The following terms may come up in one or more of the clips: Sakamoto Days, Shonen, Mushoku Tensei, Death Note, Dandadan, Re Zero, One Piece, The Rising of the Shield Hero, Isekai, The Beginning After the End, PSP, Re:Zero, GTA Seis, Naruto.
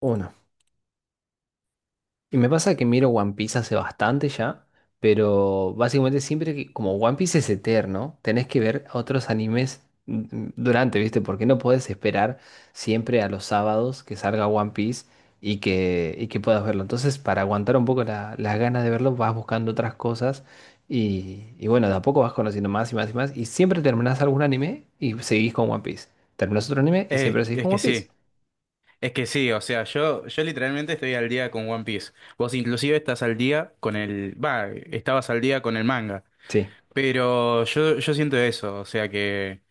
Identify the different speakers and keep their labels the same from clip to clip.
Speaker 1: Uno. Y me pasa que miro One Piece hace bastante ya, pero básicamente siempre que, como One Piece es eterno, tenés que ver otros animes durante, ¿viste? Porque no podés esperar siempre a los sábados que salga One Piece y que puedas verlo. Entonces, para aguantar un poco las ganas de verlo, vas buscando otras cosas y bueno, de a poco vas conociendo más y más y más. Y siempre terminás algún anime y seguís con One Piece. Terminás otro anime y siempre seguís
Speaker 2: Es
Speaker 1: con
Speaker 2: que
Speaker 1: One Piece.
Speaker 2: sí, o sea, yo literalmente estoy al día con One Piece. Vos inclusive estás al día con el, va, estabas al día con el manga,
Speaker 1: Sí.
Speaker 2: pero yo siento eso, o sea que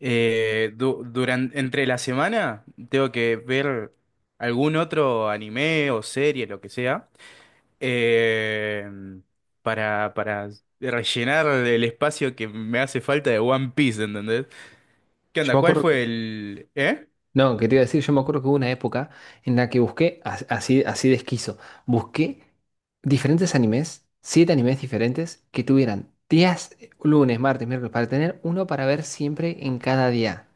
Speaker 2: durante, entre la semana tengo que ver algún otro anime o serie, lo que sea, eh, para rellenar el espacio que me hace falta de One Piece, ¿entendés? ¿Qué
Speaker 1: Yo
Speaker 2: onda?
Speaker 1: me
Speaker 2: ¿Cuál
Speaker 1: acuerdo.
Speaker 2: fue el...
Speaker 1: No, que te iba a decir, yo me acuerdo que hubo una época en la que busqué, así de esquizo, busqué diferentes animes, siete animes diferentes que tuvieran días, lunes, martes, miércoles, para tener uno para ver siempre en cada día.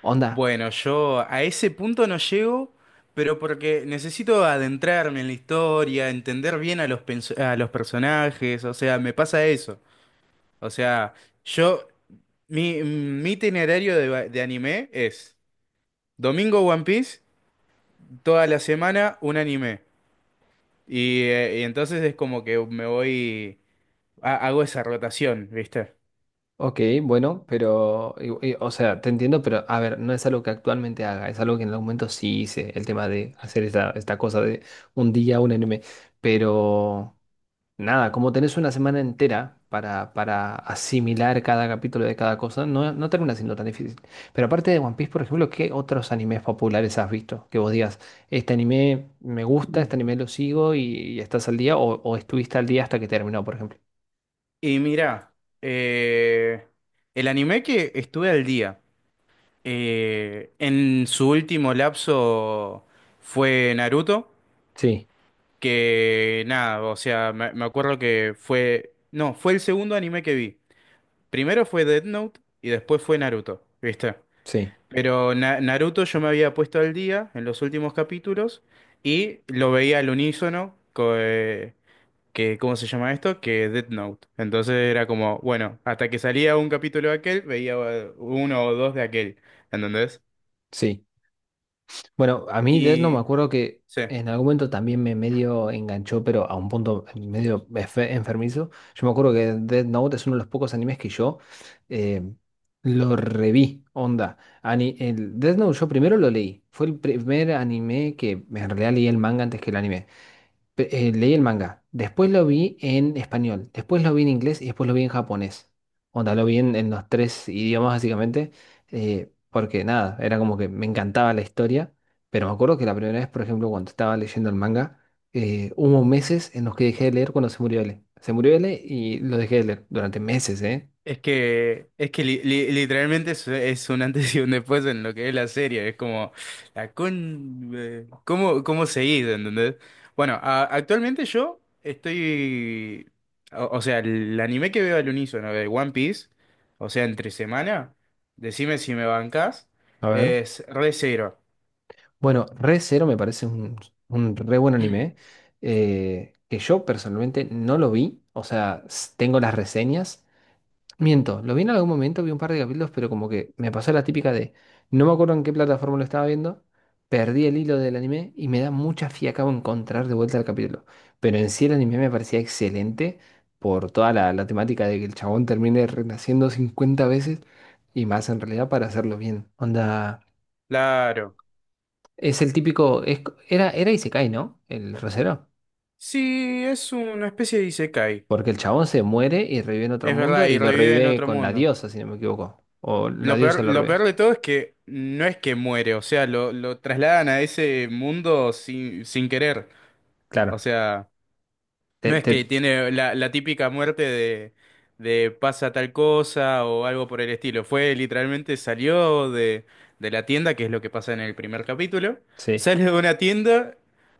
Speaker 1: Onda.
Speaker 2: Bueno, yo a ese punto no llego, pero porque necesito adentrarme en la historia, entender bien a los, a los personajes, o sea, me pasa eso. O sea, yo, mi itinerario de, de anime es domingo One Piece, toda la semana un anime. Y entonces es como que me voy, hago esa rotación, ¿viste?
Speaker 1: Ok, bueno, pero, o sea, te entiendo, pero a ver, no es algo que actualmente haga, es algo que en algún momento sí hice, el tema de hacer esta cosa de un día, un anime, pero... Nada, como tenés una semana entera para, asimilar cada capítulo de cada cosa, no, no termina siendo tan difícil. Pero aparte de One Piece, por ejemplo, ¿qué otros animes populares has visto? Que vos digas, este anime me gusta, este
Speaker 2: Mm.
Speaker 1: anime lo sigo y estás al día, o estuviste al día hasta que terminó, por ejemplo.
Speaker 2: Y mira, eh, el anime que estuve al día. En su último lapso fue Naruto,
Speaker 1: Sí,
Speaker 2: que nada, o sea, me acuerdo que fue, no, fue el segundo anime que vi. Primero fue Death Note y después fue Naruto, ¿viste?
Speaker 1: sí,
Speaker 2: Pero Naruto yo me había puesto al día en los últimos capítulos y lo veía al unísono, que, ¿cómo se llama esto? Que Death Note. Entonces era como, bueno, hasta que salía un capítulo de aquel, veía uno o dos de aquel, ¿entendés?
Speaker 1: sí. Bueno, a mí Death no me
Speaker 2: Y...
Speaker 1: acuerdo que
Speaker 2: Sí.
Speaker 1: en algún momento también me medio enganchó, pero a un punto medio enfermizo. Yo me acuerdo que Death Note es uno de los pocos animes que yo eh, lo reví, onda. El Death Note yo primero lo leí. Fue el primer anime que en realidad leí el manga antes que el anime leí el manga, después lo vi en español, después lo vi en inglés y después lo vi en japonés. Onda, lo vi en los tres idiomas básicamente, porque nada, era como que me encantaba la historia, pero me acuerdo que la primera vez, por ejemplo, cuando estaba leyendo el manga, hubo meses en los que dejé de leer cuando se murió L. Se murió L y lo dejé de leer durante meses, ¿eh?
Speaker 2: Es que literalmente es un antes y un después en lo que es la serie. Es como, la con... ¿Cómo, cómo seguís, entendés? Bueno, actualmente yo estoy... O, o sea, el anime que veo al unísono de One Piece, o sea, entre semana, decime si me bancás,
Speaker 1: A ver.
Speaker 2: es re Re:Zero.
Speaker 1: Bueno, Re Zero me parece un re buen anime, que yo personalmente no lo vi, o sea, tengo las reseñas. Miento, lo vi en algún momento, vi un par de capítulos, pero como que me pasó la típica de no me acuerdo en qué plataforma lo estaba viendo, perdí el hilo del anime y me da mucha fiaca encontrar de vuelta el capítulo. Pero en sí el anime me parecía excelente por toda la temática de que el chabón termine renaciendo 50 veces y más en realidad para hacerlo bien. Onda,
Speaker 2: Claro.
Speaker 1: es el típico, era Isekai, ¿no? El rosero.
Speaker 2: Sí, es una especie de isekai.
Speaker 1: Porque el chabón se muere y revive en otro
Speaker 2: Es
Speaker 1: mundo
Speaker 2: verdad, y
Speaker 1: y lo
Speaker 2: revive en
Speaker 1: revive
Speaker 2: otro
Speaker 1: con la
Speaker 2: mundo.
Speaker 1: diosa, si no me equivoco. O la diosa lo
Speaker 2: Lo
Speaker 1: revive.
Speaker 2: peor de todo es que no es que muere, o sea, lo trasladan a ese mundo sin querer. O
Speaker 1: Claro.
Speaker 2: sea, no
Speaker 1: Te,
Speaker 2: es que
Speaker 1: te-
Speaker 2: tiene la típica muerte de pasa tal cosa o algo por el estilo. Fue literalmente salió de la tienda, que es lo que pasa en el primer capítulo.
Speaker 1: sí,
Speaker 2: Sale de una tienda,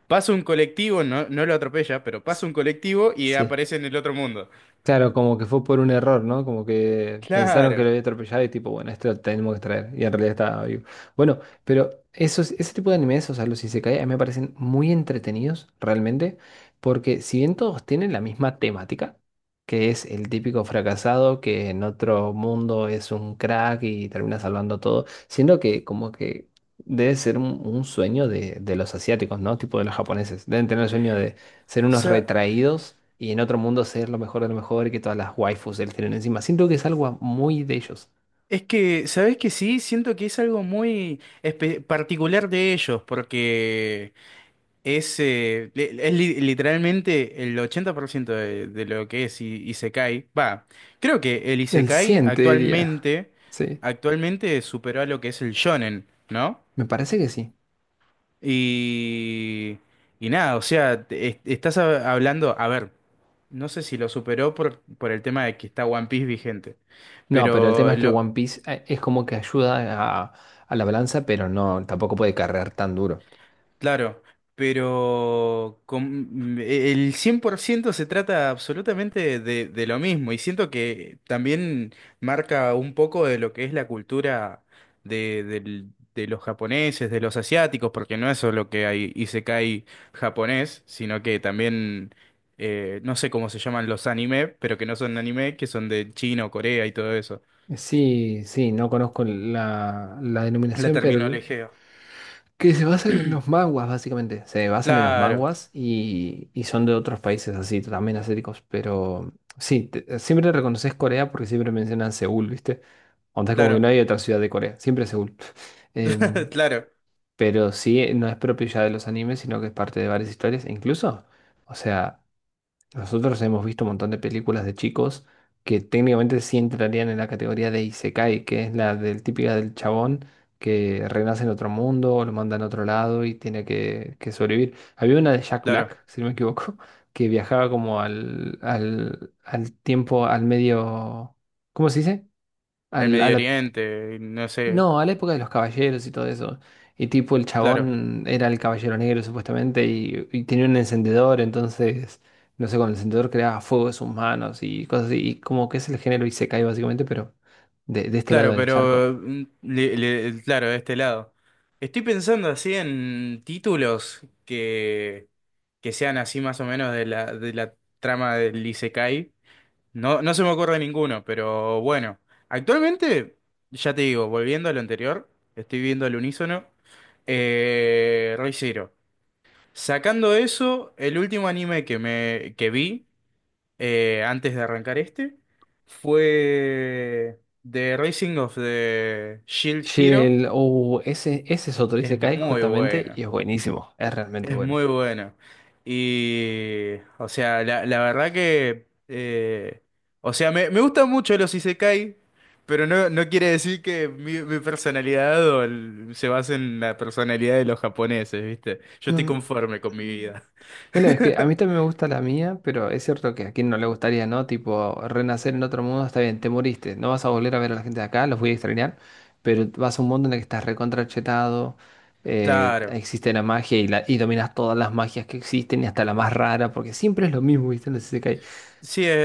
Speaker 2: pasa un colectivo, no lo atropella, pero pasa
Speaker 1: s-
Speaker 2: un colectivo y
Speaker 1: sí.
Speaker 2: aparece en el otro mundo.
Speaker 1: Claro, como que fue por un error, ¿no? Como que pensaron que lo
Speaker 2: Claro.
Speaker 1: había atropellado y tipo, bueno, este lo tenemos que traer. Y en realidad estaba vivo. Bueno, pero ese tipo de animes, o sea, los isekai, a mí me parecen muy entretenidos, realmente, porque si bien todos tienen la misma temática, que es el típico fracasado que en otro mundo es un crack y termina salvando todo, siendo que como que debe ser un sueño de los asiáticos, ¿no? Tipo de los japoneses. Deben tener el sueño de ser
Speaker 2: O
Speaker 1: unos
Speaker 2: sea,
Speaker 1: retraídos y en otro mundo ser lo mejor de lo mejor y que todas las waifus de él tienen encima. Siento que es algo muy de ellos.
Speaker 2: es que, ¿sabes que sí? Siento que es algo muy particular de ellos, porque es, es literalmente el 80% de lo que es Isekai. Va, creo que el
Speaker 1: El
Speaker 2: Isekai
Speaker 1: 100 te diría.
Speaker 2: actualmente,
Speaker 1: Sí,
Speaker 2: actualmente superó a lo que es el shonen, ¿no?
Speaker 1: me parece que sí.
Speaker 2: Y, y nada, o sea, estás hablando, a ver, no sé si lo superó por el tema de que está One Piece vigente.
Speaker 1: No, pero el tema
Speaker 2: Pero
Speaker 1: es que One
Speaker 2: lo,
Speaker 1: Piece es como que ayuda a, a la balanza, pero no, tampoco puede cargar tan duro.
Speaker 2: claro, pero el 100% se trata absolutamente de lo mismo y siento que también marca un poco de lo que es la cultura de, de los japoneses, de los asiáticos, porque no es solo que hay isekai japonés, sino que también, no sé cómo se llaman los anime, pero que no son anime, que son de China o Corea y todo eso.
Speaker 1: Sí, sí, no conozco la
Speaker 2: La sí,
Speaker 1: denominación, pero
Speaker 2: terminología.
Speaker 1: que se basan en los manguas, básicamente. Se basan en los
Speaker 2: Claro,
Speaker 1: manguas y son de otros países así, también asiáticos. Pero sí, siempre reconoces Corea porque siempre mencionan Seúl, ¿viste? O sea, como que no
Speaker 2: claro,
Speaker 1: hay otra ciudad de Corea, siempre Seúl. Em,
Speaker 2: claro,
Speaker 1: pero sí, no es propio ya de los animes, sino que es parte de varias historias. E incluso, o sea. Nosotros hemos visto un montón de películas de chicos que técnicamente sí entrarían en la categoría de Isekai, que es la del típica del chabón que renace en otro mundo o lo mandan a otro lado y tiene que sobrevivir. Había una de Jack Black,
Speaker 2: claro.
Speaker 1: si no me equivoco, que viajaba como al tiempo, al medio, ¿cómo se dice?
Speaker 2: Al
Speaker 1: Al, a
Speaker 2: Medio
Speaker 1: la-
Speaker 2: Oriente, no sé,
Speaker 1: no, a la época de los caballeros y todo eso. Y tipo, el
Speaker 2: claro,
Speaker 1: chabón era el caballero negro supuestamente y tenía un encendedor, entonces, no sé, con el encendedor creaba fuego de sus manos y cosas así. Y como que es el género isekai básicamente, pero de este lado
Speaker 2: claro,
Speaker 1: del charco.
Speaker 2: pero claro, de este lado. Estoy pensando así en títulos que sean así más o menos de la trama del Isekai. No, no se me ocurre ninguno, pero bueno. Actualmente, ya te digo, volviendo a lo anterior, estoy viendo al unísono, Re:Zero. Sacando eso, el último anime que me que vi. Antes de arrancar este, fue The Rising of the Shield
Speaker 1: Che,
Speaker 2: Hero.
Speaker 1: oh, ese es otro
Speaker 2: Es
Speaker 1: isekai
Speaker 2: muy
Speaker 1: justamente
Speaker 2: bueno,
Speaker 1: y es buenísimo, es realmente
Speaker 2: es
Speaker 1: bueno.
Speaker 2: muy bueno. Y, o sea, la verdad que, o sea, me gustan mucho los isekai, pero no, no quiere decir que mi personalidad o se base en la personalidad de los japoneses, ¿viste? Yo estoy
Speaker 1: Mm,
Speaker 2: conforme con mi vida.
Speaker 1: Bueno, es que a mí también me gusta la mía, pero es cierto que a quien no le gustaría, ¿no? Tipo, renacer en otro mundo, está bien, te moriste, no vas a volver a ver a la gente de acá, los voy a extrañar, pero vas a un mundo en el que estás recontrachetado,
Speaker 2: Claro.
Speaker 1: existe la magia y, la, y dominas todas las magias que existen y hasta la más rara, porque siempre es lo mismo, ¿viste? No sé.
Speaker 2: Sí,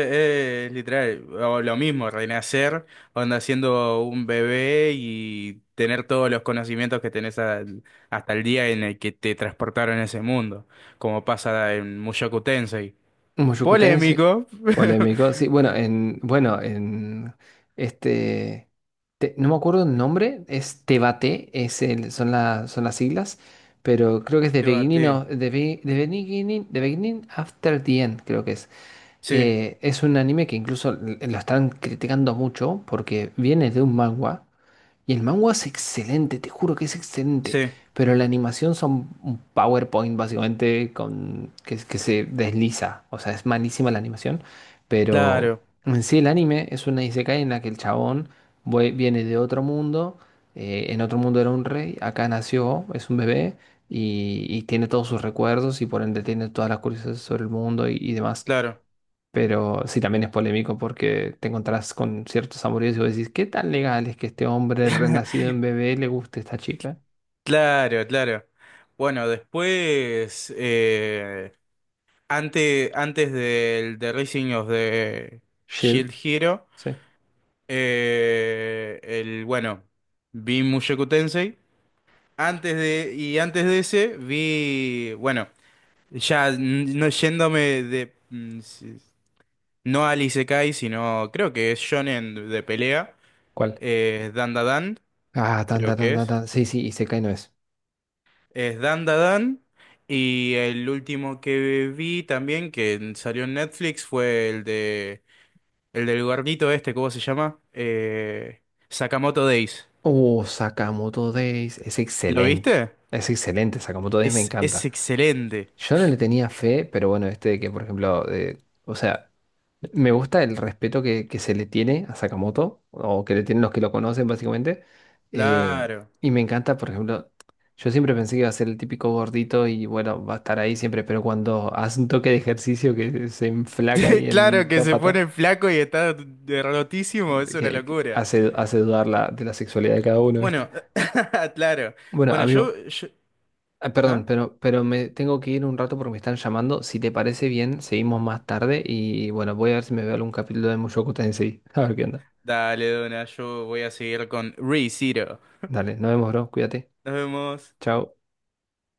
Speaker 2: es literal, o lo mismo, renacer, onda siendo un bebé y tener todos los conocimientos que tenés hasta el día en el que te transportaron a ese mundo, como pasa en Mushoku Tensei.
Speaker 1: Muy Moyucutense,
Speaker 2: Polémico.
Speaker 1: polémico. Sí, bueno, en, bueno, en este, no me acuerdo el nombre, es Tebate, es el, son, son las siglas, pero creo que es The Beginning
Speaker 2: Debate.
Speaker 1: of, The, The Beginning, The Beginning After the End, creo que es.
Speaker 2: Sí,
Speaker 1: Es un anime que incluso lo están criticando mucho porque viene de un manga. Y el manga es excelente, te juro que es excelente.
Speaker 2: sí,
Speaker 1: Pero la animación son un PowerPoint básicamente con, que se desliza. O sea, es malísima la animación. Pero
Speaker 2: claro,
Speaker 1: en sí el anime es una isekai en la que el chabón viene de otro mundo. En otro mundo era un rey. Acá nació, es un bebé. Y tiene todos sus recuerdos y por ende tiene todas las curiosidades sobre el mundo y demás.
Speaker 2: claro,
Speaker 1: Pero sí, también es polémico porque te encontrás con ciertos amoríos y vos decís, ¿qué tan legal es que este hombre renacido en bebé le guste a esta chica?
Speaker 2: claro, claro. Bueno, después, antes del The Rising of the Shield
Speaker 1: Shield,
Speaker 2: Hero.
Speaker 1: sí.
Speaker 2: Bueno, vi Mushoku Tensei. Antes de, y antes de ese vi, bueno, ya no yéndome de, no al Isekai, sino creo que es Shonen de pelea,
Speaker 1: ¿Cuál?
Speaker 2: Dandadan,
Speaker 1: Ah, tan,
Speaker 2: creo
Speaker 1: tan, tan,
Speaker 2: que
Speaker 1: tan,
Speaker 2: es.
Speaker 1: tan. Sí, sí, y Isekai no es.
Speaker 2: Es Dandadan. Y el último que vi también, que salió en Netflix, fue el de, el del gordito este, ¿cómo se llama? Sakamoto Days.
Speaker 1: Oh, Sakamoto Days. Es
Speaker 2: ¿Lo
Speaker 1: excelente.
Speaker 2: viste?
Speaker 1: Es excelente, Sakamoto Days me
Speaker 2: Es
Speaker 1: encanta.
Speaker 2: excelente.
Speaker 1: Yo no le tenía fe, pero bueno, este de que, por ejemplo, o sea, me gusta el respeto que se le tiene a Sakamoto, o que le tienen los que lo conocen, básicamente. eh,
Speaker 2: Claro.
Speaker 1: y me encanta, por ejemplo, yo siempre pensé que iba a ser el típico gordito y bueno, va a estar ahí siempre, pero cuando hace un toque de ejercicio que se enflaca ahí
Speaker 2: Claro
Speaker 1: en
Speaker 2: que
Speaker 1: la
Speaker 2: se
Speaker 1: pata,
Speaker 2: pone flaco y está derrotísimo, es una
Speaker 1: que
Speaker 2: locura.
Speaker 1: hace dudar de la sexualidad de cada uno, ¿viste?
Speaker 2: Bueno, claro.
Speaker 1: Bueno,
Speaker 2: Bueno,
Speaker 1: amigo,
Speaker 2: yo-
Speaker 1: ah, perdón,
Speaker 2: ¿Ah?
Speaker 1: pero me tengo que ir un rato porque me están llamando. Si te parece bien, seguimos más tarde y bueno, voy a ver si me veo algún capítulo de Mushoku Tensei. A ver qué onda.
Speaker 2: Dale, Dona, yo voy a seguir con ReZero.
Speaker 1: Dale, nos vemos, bro. Cuídate.
Speaker 2: Nos vemos.
Speaker 1: Chao.